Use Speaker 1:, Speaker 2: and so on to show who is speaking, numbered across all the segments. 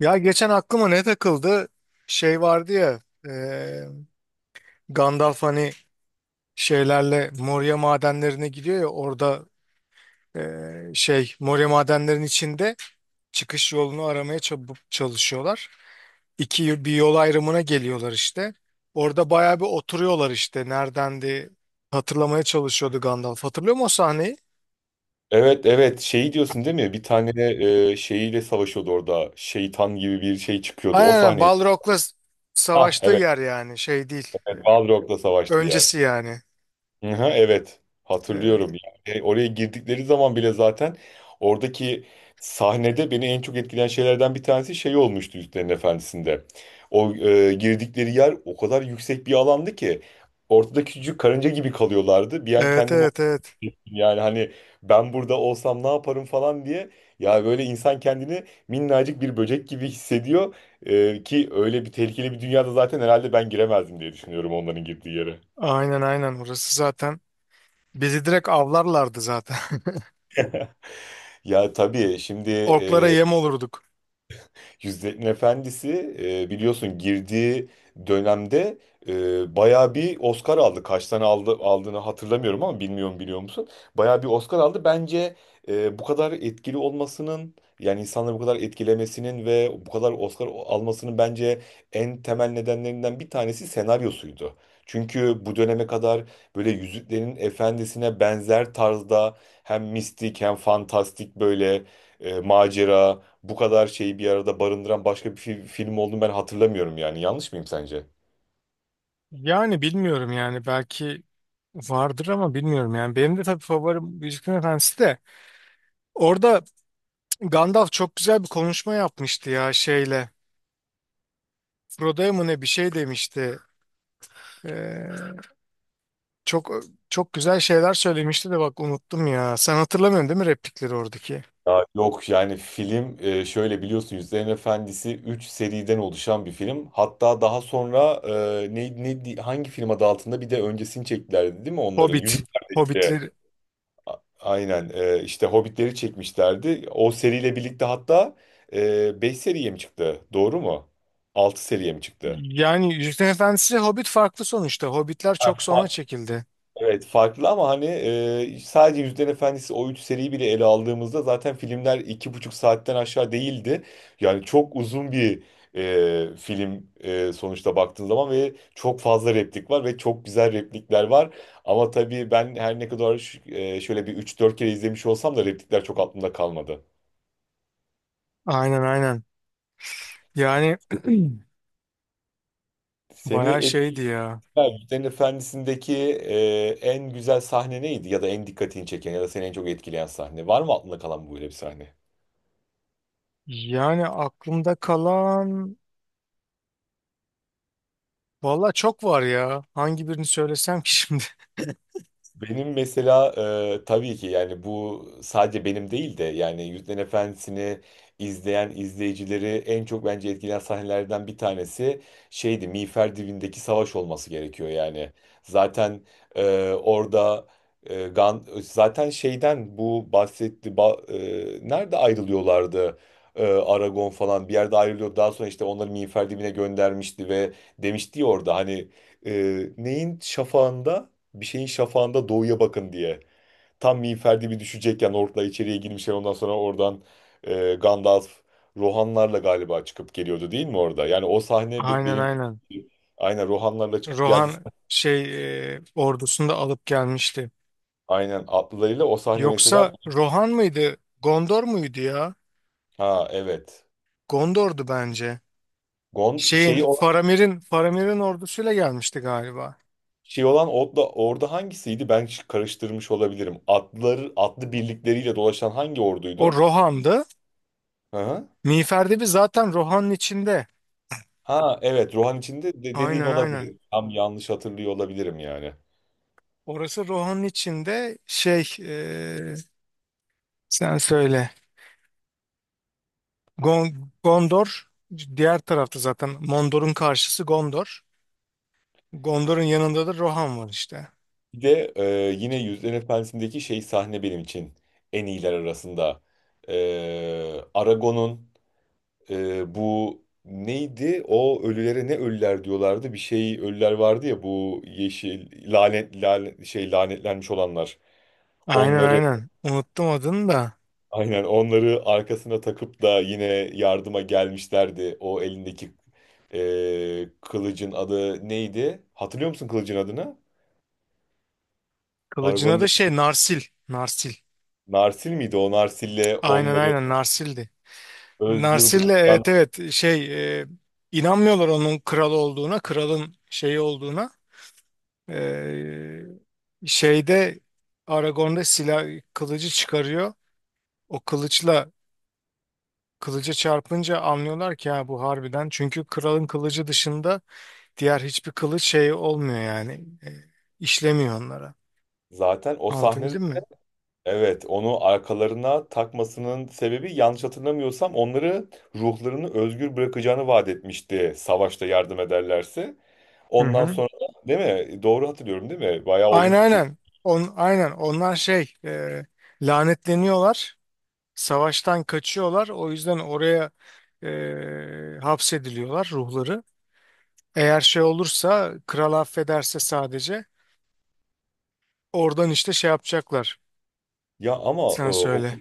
Speaker 1: Ya geçen aklıma ne takıldı? Şey vardı ya, e, Gandalf hani şeylerle Moria madenlerine gidiyor ya orada, e, şey Moria madenlerin içinde çıkış yolunu aramaya çalışıyorlar. İki bir yol ayrımına geliyorlar işte. Orada bayağı bir oturuyorlar işte, neredendi hatırlamaya çalışıyordu Gandalf. Hatırlıyor musun o sahneyi?
Speaker 2: Evet, evet, şeyi diyorsun değil mi? Bir tane şeyiyle savaşıyordu orada. Şeytan gibi bir şey çıkıyordu. O
Speaker 1: Aynen, aynen.
Speaker 2: sahneyi.
Speaker 1: Balrog'la
Speaker 2: Ha,
Speaker 1: savaştığı
Speaker 2: evet.
Speaker 1: yer, yani şey değil.
Speaker 2: Evet, Balrog'la savaştı yer.
Speaker 1: Öncesi yani.
Speaker 2: Hı hı, evet. Hatırlıyorum.
Speaker 1: E,
Speaker 2: Yani oraya girdikleri zaman bile zaten oradaki sahnede beni en çok etkileyen şeylerden bir tanesi şey olmuştu Yüzüklerin Efendisi'nde. O girdikleri yer o kadar yüksek bir alandı ki ortada küçücük karınca gibi kalıyorlardı. Bir an
Speaker 1: evet
Speaker 2: kendimi.
Speaker 1: evet, evet.
Speaker 2: Yani, hani, ben burada olsam ne yaparım falan diye, ya, böyle insan kendini minnacık bir böcek gibi hissediyor. Ki öyle bir tehlikeli bir dünyada zaten herhalde ben giremezdim diye düşünüyorum onların girdiği yere.
Speaker 1: Aynen, aynen, orası zaten bizi direkt avlarlardı zaten.
Speaker 2: Ya tabii şimdi
Speaker 1: Orklara yem olurduk.
Speaker 2: Yüzüklerin Efendisi biliyorsun girdiği dönemde bayağı bir Oscar aldı. Kaç tane aldı, aldığını hatırlamıyorum ama bilmiyorum, biliyor musun? Bayağı bir Oscar aldı. Bence bu kadar etkili olmasının, yani insanları bu kadar etkilemesinin ve bu kadar Oscar almasının bence en temel nedenlerinden bir tanesi senaryosuydu. Çünkü bu döneme kadar böyle Yüzüklerin Efendisi'ne benzer tarzda hem mistik hem fantastik böyle macera, bu kadar şeyi bir arada barındıran başka bir film olduğunu ben hatırlamıyorum yani. Yanlış mıyım sence?
Speaker 1: Yani bilmiyorum yani, belki vardır ama bilmiyorum yani. Benim de tabii favorim Yüzüklerin Efendisi de. Orada Gandalf çok güzel bir konuşma yapmıştı ya şeyle. Frodo'ya mı ne bir şey demişti. Ee, çok çok güzel şeyler söylemişti de bak unuttum ya. Sen hatırlamıyorsun değil mi replikleri oradaki?
Speaker 2: Ya yok yani film şöyle biliyorsun, Yüzüklerin Efendisi 3 seriden oluşan bir film. Hatta daha sonra e, ne, ne hangi film adı altında bir de öncesini çektilerdi değil mi onların?
Speaker 1: Hobbit.
Speaker 2: Yüzük Kardeşleri.
Speaker 1: Hobbitleri.
Speaker 2: Aynen, işte Hobbitleri çekmişlerdi. O seriyle birlikte hatta 5 seriye mi çıktı? Doğru mu? 6 seriye mi çıktı?
Speaker 1: Yani Yüzüklerin Efendisi Hobbit farklı sonuçta. Hobbitler
Speaker 2: Ha,
Speaker 1: çok sonra
Speaker 2: fa-
Speaker 1: çekildi.
Speaker 2: Evet, farklı ama hani sadece Yüzüklerin Efendisi o üç seriyi bile ele aldığımızda zaten filmler 2,5 saatten aşağı değildi. Yani çok uzun bir film, sonuçta baktığın zaman ve çok fazla replik var ve çok güzel replikler var. Ama tabii ben her ne kadar şöyle bir üç dört kere izlemiş olsam da replikler çok aklımda kalmadı.
Speaker 1: Aynen, aynen. Yani
Speaker 2: Seni
Speaker 1: bayağı şeydi
Speaker 2: etkileyen
Speaker 1: ya.
Speaker 2: Yüzüklerin Efendisi'ndeki en güzel sahne neydi, ya da en dikkatini çeken ya da seni en çok etkileyen sahne? Var mı aklında kalan böyle bir sahne?
Speaker 1: Yani aklımda kalan valla çok var ya. Hangi birini söylesem ki şimdi?
Speaker 2: Benim mesela tabii ki, yani bu sadece benim değil de yani Yüzüklerin Efendisi'ni izleyen izleyicileri en çok bence etkileyen sahnelerden bir tanesi şeydi, Miğfer Dibi'ndeki savaş olması gerekiyor yani. Zaten orada, e, Gan zaten şeyden bu bahsetti, nerede ayrılıyorlardı? Aragon falan bir yerde ayrılıyor. Daha sonra işte onları Miğfer Dibi'ne göndermişti ve demişti ya orada hani neyin şafağında, bir şeyin şafağında doğuya bakın diye. Tam miğfer gibi düşecekken orklar içeriye girmişler, ondan sonra oradan Gandalf, Rohanlarla galiba çıkıp geliyordu değil mi orada? Yani o sahne
Speaker 1: Aynen,
Speaker 2: benim
Speaker 1: aynen.
Speaker 2: aynen Rohanlarla çıkıp geldi.
Speaker 1: Rohan şey ordusunu da alıp gelmişti.
Speaker 2: Aynen atlılarıyla o sahne mesela.
Speaker 1: Yoksa Rohan mıydı? Gondor muydu ya?
Speaker 2: Ha, evet.
Speaker 1: Gondor'du bence.
Speaker 2: Gon
Speaker 1: Şeyin
Speaker 2: şeyi o-
Speaker 1: Faramir'in ordusuyla gelmişti galiba.
Speaker 2: şey olan orada hangisiydi? Ben karıştırmış olabilirim. Atlıları atlı birlikleriyle dolaşan hangi
Speaker 1: O
Speaker 2: orduydu?
Speaker 1: Rohan'dı.
Speaker 2: Hı hı.
Speaker 1: Miğfer de bir zaten Rohan'ın içinde.
Speaker 2: Ha, evet, Rohan içinde dediğin
Speaker 1: Aynen, aynen.
Speaker 2: olabilir. Tam yanlış hatırlıyor olabilirim yani.
Speaker 1: Orası Rohan'ın içinde şey, sen söyle. Gondor diğer tarafta zaten. Mondor'un karşısı Gondor. Gondor'un yanında da Rohan var işte.
Speaker 2: Bir de yine yüzlerin Efendisi'ndeki şey sahne benim için en iyiler arasında. E, Aragon'un bu neydi? O ölülere, ne ölüler diyorlardı? Bir şey ölüler vardı ya, bu yeşil lanet, lanet şey lanetlenmiş olanlar.
Speaker 1: Aynen,
Speaker 2: Onları,
Speaker 1: aynen. Unuttum adını da.
Speaker 2: aynen onları arkasına takıp da yine yardıma gelmişlerdi. O elindeki kılıcın adı neydi? Hatırlıyor musun kılıcın adını? Aragon
Speaker 1: Kılıcına da şey, Narsil. Narsil.
Speaker 2: Narsil miydi? O Narsil'le
Speaker 1: Aynen,
Speaker 2: onları
Speaker 1: aynen, Narsil'di.
Speaker 2: özgür
Speaker 1: Narsil'le,
Speaker 2: bırakan,
Speaker 1: evet, evet, şey, inanmıyorlar onun kral olduğuna, kralın şeyi olduğuna. E, şeyde, Aragorn'da silah kılıcı çıkarıyor. O kılıçla, kılıca çarpınca anlıyorlar ki ha bu harbiden. Çünkü kralın kılıcı dışında diğer hiçbir kılıç şey olmuyor yani. E, işlemiyor onlara.
Speaker 2: zaten o sahnede,
Speaker 1: Anlatabildim mi?
Speaker 2: evet, onu arkalarına takmasının sebebi yanlış hatırlamıyorsam onları, ruhlarını özgür bırakacağını vaat etmişti savaşta yardım ederlerse.
Speaker 1: Hı
Speaker 2: Ondan
Speaker 1: hı.
Speaker 2: sonra değil mi? Doğru hatırlıyorum değil mi? Bayağı
Speaker 1: Aynen,
Speaker 2: olmuştu çünkü.
Speaker 1: aynen. Aynen onlar şey, lanetleniyorlar. Savaştan kaçıyorlar. O yüzden oraya hapsediliyorlar ruhları. Eğer şey olursa, kral affederse sadece oradan işte şey yapacaklar.
Speaker 2: Ya ama e,
Speaker 1: Sen
Speaker 2: o
Speaker 1: söyle.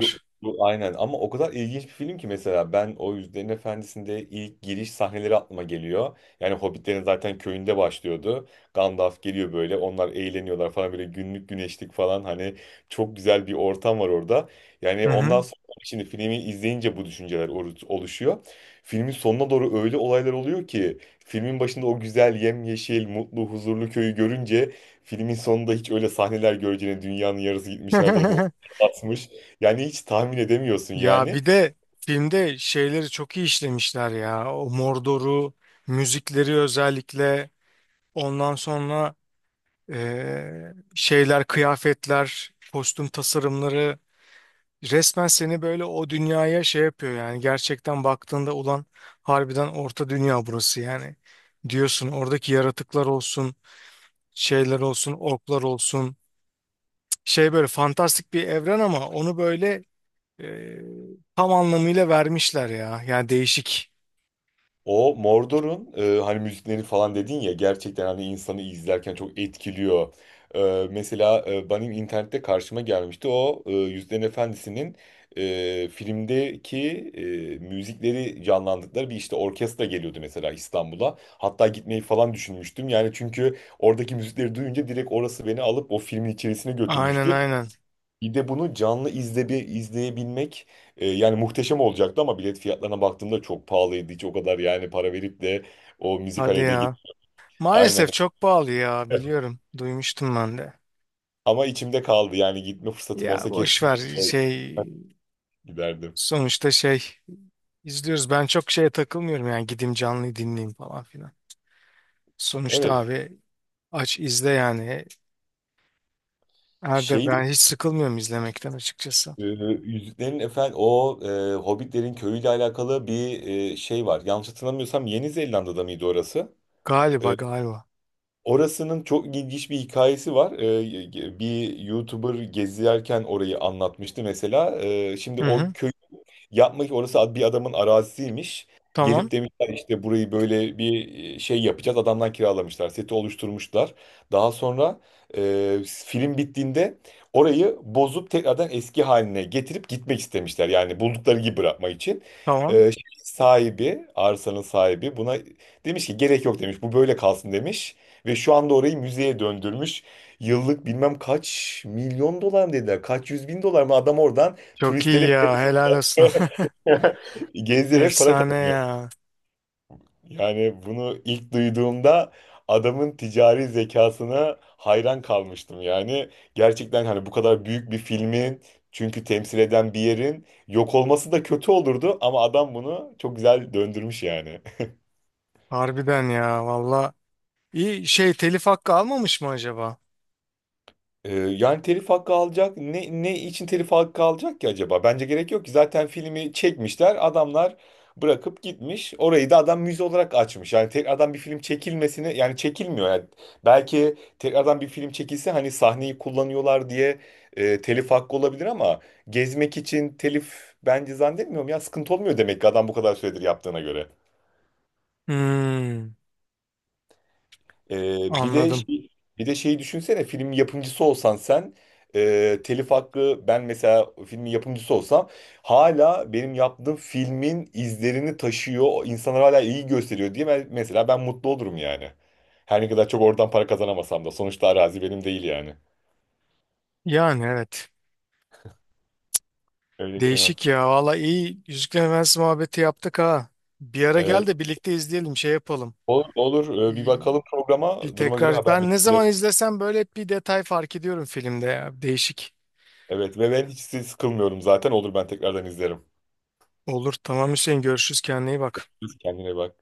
Speaker 2: Bu, bu aynen, ama o kadar ilginç bir film ki mesela ben o Yüzüklerin Efendisi'nde ilk giriş sahneleri aklıma geliyor. Yani Hobbitlerin zaten köyünde başlıyordu. Gandalf geliyor böyle, onlar eğleniyorlar falan, böyle günlük güneşlik falan, hani çok güzel bir ortam var orada.
Speaker 1: Hı
Speaker 2: Yani ondan
Speaker 1: hı.
Speaker 2: sonra şimdi filmi izleyince bu düşünceler oluşuyor. Filmin sonuna doğru öyle olaylar oluyor ki filmin başında o güzel, yemyeşil, mutlu, huzurlu köyü görünce filmin sonunda hiç öyle sahneler göreceğine dünyanın yarısı gitmiş, her tarafı atmış. Yani hiç tahmin edemiyorsun
Speaker 1: Ya
Speaker 2: yani.
Speaker 1: bir de filmde şeyleri çok iyi işlemişler ya. O Mordor'u, müzikleri özellikle. Ondan sonra şeyler, kıyafetler, kostüm tasarımları resmen seni böyle o dünyaya şey yapıyor yani. Gerçekten baktığında ulan harbiden orta dünya burası yani. Diyorsun oradaki yaratıklar olsun, şeyler olsun, orklar olsun. Şey böyle fantastik bir evren ama onu böyle, eee, tam anlamıyla vermişler ya. Yani değişik.
Speaker 2: O Mordor'un hani müzikleri falan dedin ya, gerçekten hani insanı izlerken çok etkiliyor. Mesela benim internette karşıma gelmişti o Yüzüklerin Efendisi'nin filmdeki müzikleri canlandırdıkları bir, işte, orkestra geliyordu mesela İstanbul'a. Hatta gitmeyi falan düşünmüştüm yani, çünkü oradaki müzikleri duyunca direkt orası beni alıp o filmin içerisine
Speaker 1: Aynen,
Speaker 2: götürmüştü.
Speaker 1: aynen.
Speaker 2: Bir de bunu canlı izle, bir izleyebilmek yani muhteşem olacaktı ama bilet fiyatlarına baktığımda çok pahalıydı. Hiç o kadar yani para verip de o
Speaker 1: Hadi
Speaker 2: müzikalede git.
Speaker 1: ya.
Speaker 2: Aynen.
Speaker 1: Maalesef çok pahalı ya, biliyorum. Duymuştum ben de.
Speaker 2: Ama içimde kaldı yani, gitme fırsatım
Speaker 1: Ya
Speaker 2: olsa
Speaker 1: boş ver,
Speaker 2: kesinlikle
Speaker 1: şey
Speaker 2: giderdim.
Speaker 1: sonuçta, şey izliyoruz. Ben çok şeye takılmıyorum yani, gideyim canlıyı dinleyeyim falan filan. Sonuçta
Speaker 2: Evet.
Speaker 1: abi aç izle yani. Herde
Speaker 2: Şey de,
Speaker 1: ben hiç sıkılmıyorum izlemekten açıkçası.
Speaker 2: e, Yüzüklerin Efendi o, Hobbitlerin köyüyle alakalı bir şey var. Yanlış hatırlamıyorsam Yeni Zelanda'da mıydı orası?
Speaker 1: Galiba,
Speaker 2: E,
Speaker 1: galiba.
Speaker 2: Orasının çok ilginç bir hikayesi var. Bir YouTuber gezerken orayı anlatmıştı mesela. Şimdi
Speaker 1: Hı
Speaker 2: o
Speaker 1: hı.
Speaker 2: köyü yapmak, orası bir adamın arazisiymiş.
Speaker 1: Tamam,
Speaker 2: Gelip demişler, işte burayı böyle bir şey yapacağız. Adamdan kiralamışlar. Seti oluşturmuşlar. Daha sonra e, film bittiğinde orayı bozup tekrardan eski haline getirip gitmek istemişler. Yani buldukları gibi bırakmak için.
Speaker 1: tamam.
Speaker 2: Şey, sahibi, arsanın sahibi buna demiş ki gerek yok demiş. Bu böyle kalsın demiş. Ve şu anda orayı müzeye döndürmüş. Yıllık bilmem kaç milyon dolar mı dediler, kaç yüz bin dolar mı, adam oradan
Speaker 1: Çok
Speaker 2: turistlere
Speaker 1: iyi
Speaker 2: bile
Speaker 1: ya, helal olsun.
Speaker 2: gezdirerek para
Speaker 1: Efsane
Speaker 2: kazanıyor.
Speaker 1: ya.
Speaker 2: Yani bunu ilk duyduğumda adamın ticari zekasına hayran kalmıştım. Yani gerçekten hani bu kadar büyük bir filmin, çünkü temsil eden bir yerin yok olması da kötü olurdu ama adam bunu çok güzel döndürmüş yani.
Speaker 1: Harbiden ya, valla. İyi şey, telif hakkı almamış mı acaba?
Speaker 2: Yani telif hakkı alacak. Ne için telif hakkı alacak ki acaba? Bence gerek yok ki. Zaten filmi çekmişler. Adamlar bırakıp gitmiş. Orayı da adam müze olarak açmış. Yani tekrardan bir film çekilmesini, yani çekilmiyor. Yani belki tekrardan bir film çekilse hani sahneyi kullanıyorlar diye telif hakkı olabilir ama gezmek için telif bence zannetmiyorum ya, sıkıntı olmuyor demek ki adam bu kadar süredir yaptığına göre.
Speaker 1: Hmm,
Speaker 2: Ee, bir de
Speaker 1: anladım.
Speaker 2: şey, bir de şeyi düşünsene, film yapımcısı olsan sen, telif hakkı, ben mesela filmin yapımcısı olsam hala benim yaptığım filmin izlerini taşıyor, insanlar hala iyi gösteriyor diye mesela ben mutlu olurum yani. Her ne kadar çok oradan para kazanamasam da sonuçta arazi benim değil yani.
Speaker 1: Yani evet.
Speaker 2: Öyle Kenan.
Speaker 1: Değişik ya. Valla iyi, Yüzüklerin Efendisi muhabbeti yaptık ha. Bir ara gel
Speaker 2: Evet.
Speaker 1: de birlikte izleyelim, şey yapalım.
Speaker 2: Olur, olur. Bir
Speaker 1: Bir,
Speaker 2: bakalım
Speaker 1: bir
Speaker 2: programa. Duruma göre
Speaker 1: tekrar ben ne
Speaker 2: haberleşelim.
Speaker 1: zaman izlesem böyle hep bir detay fark ediyorum filmde ya. Değişik.
Speaker 2: Evet, ve ben hiç sıkılmıyorum zaten. Olur, ben tekrardan izlerim.
Speaker 1: Olur tamam Hüseyin, görüşürüz, kendine iyi bak.
Speaker 2: Kendine bak.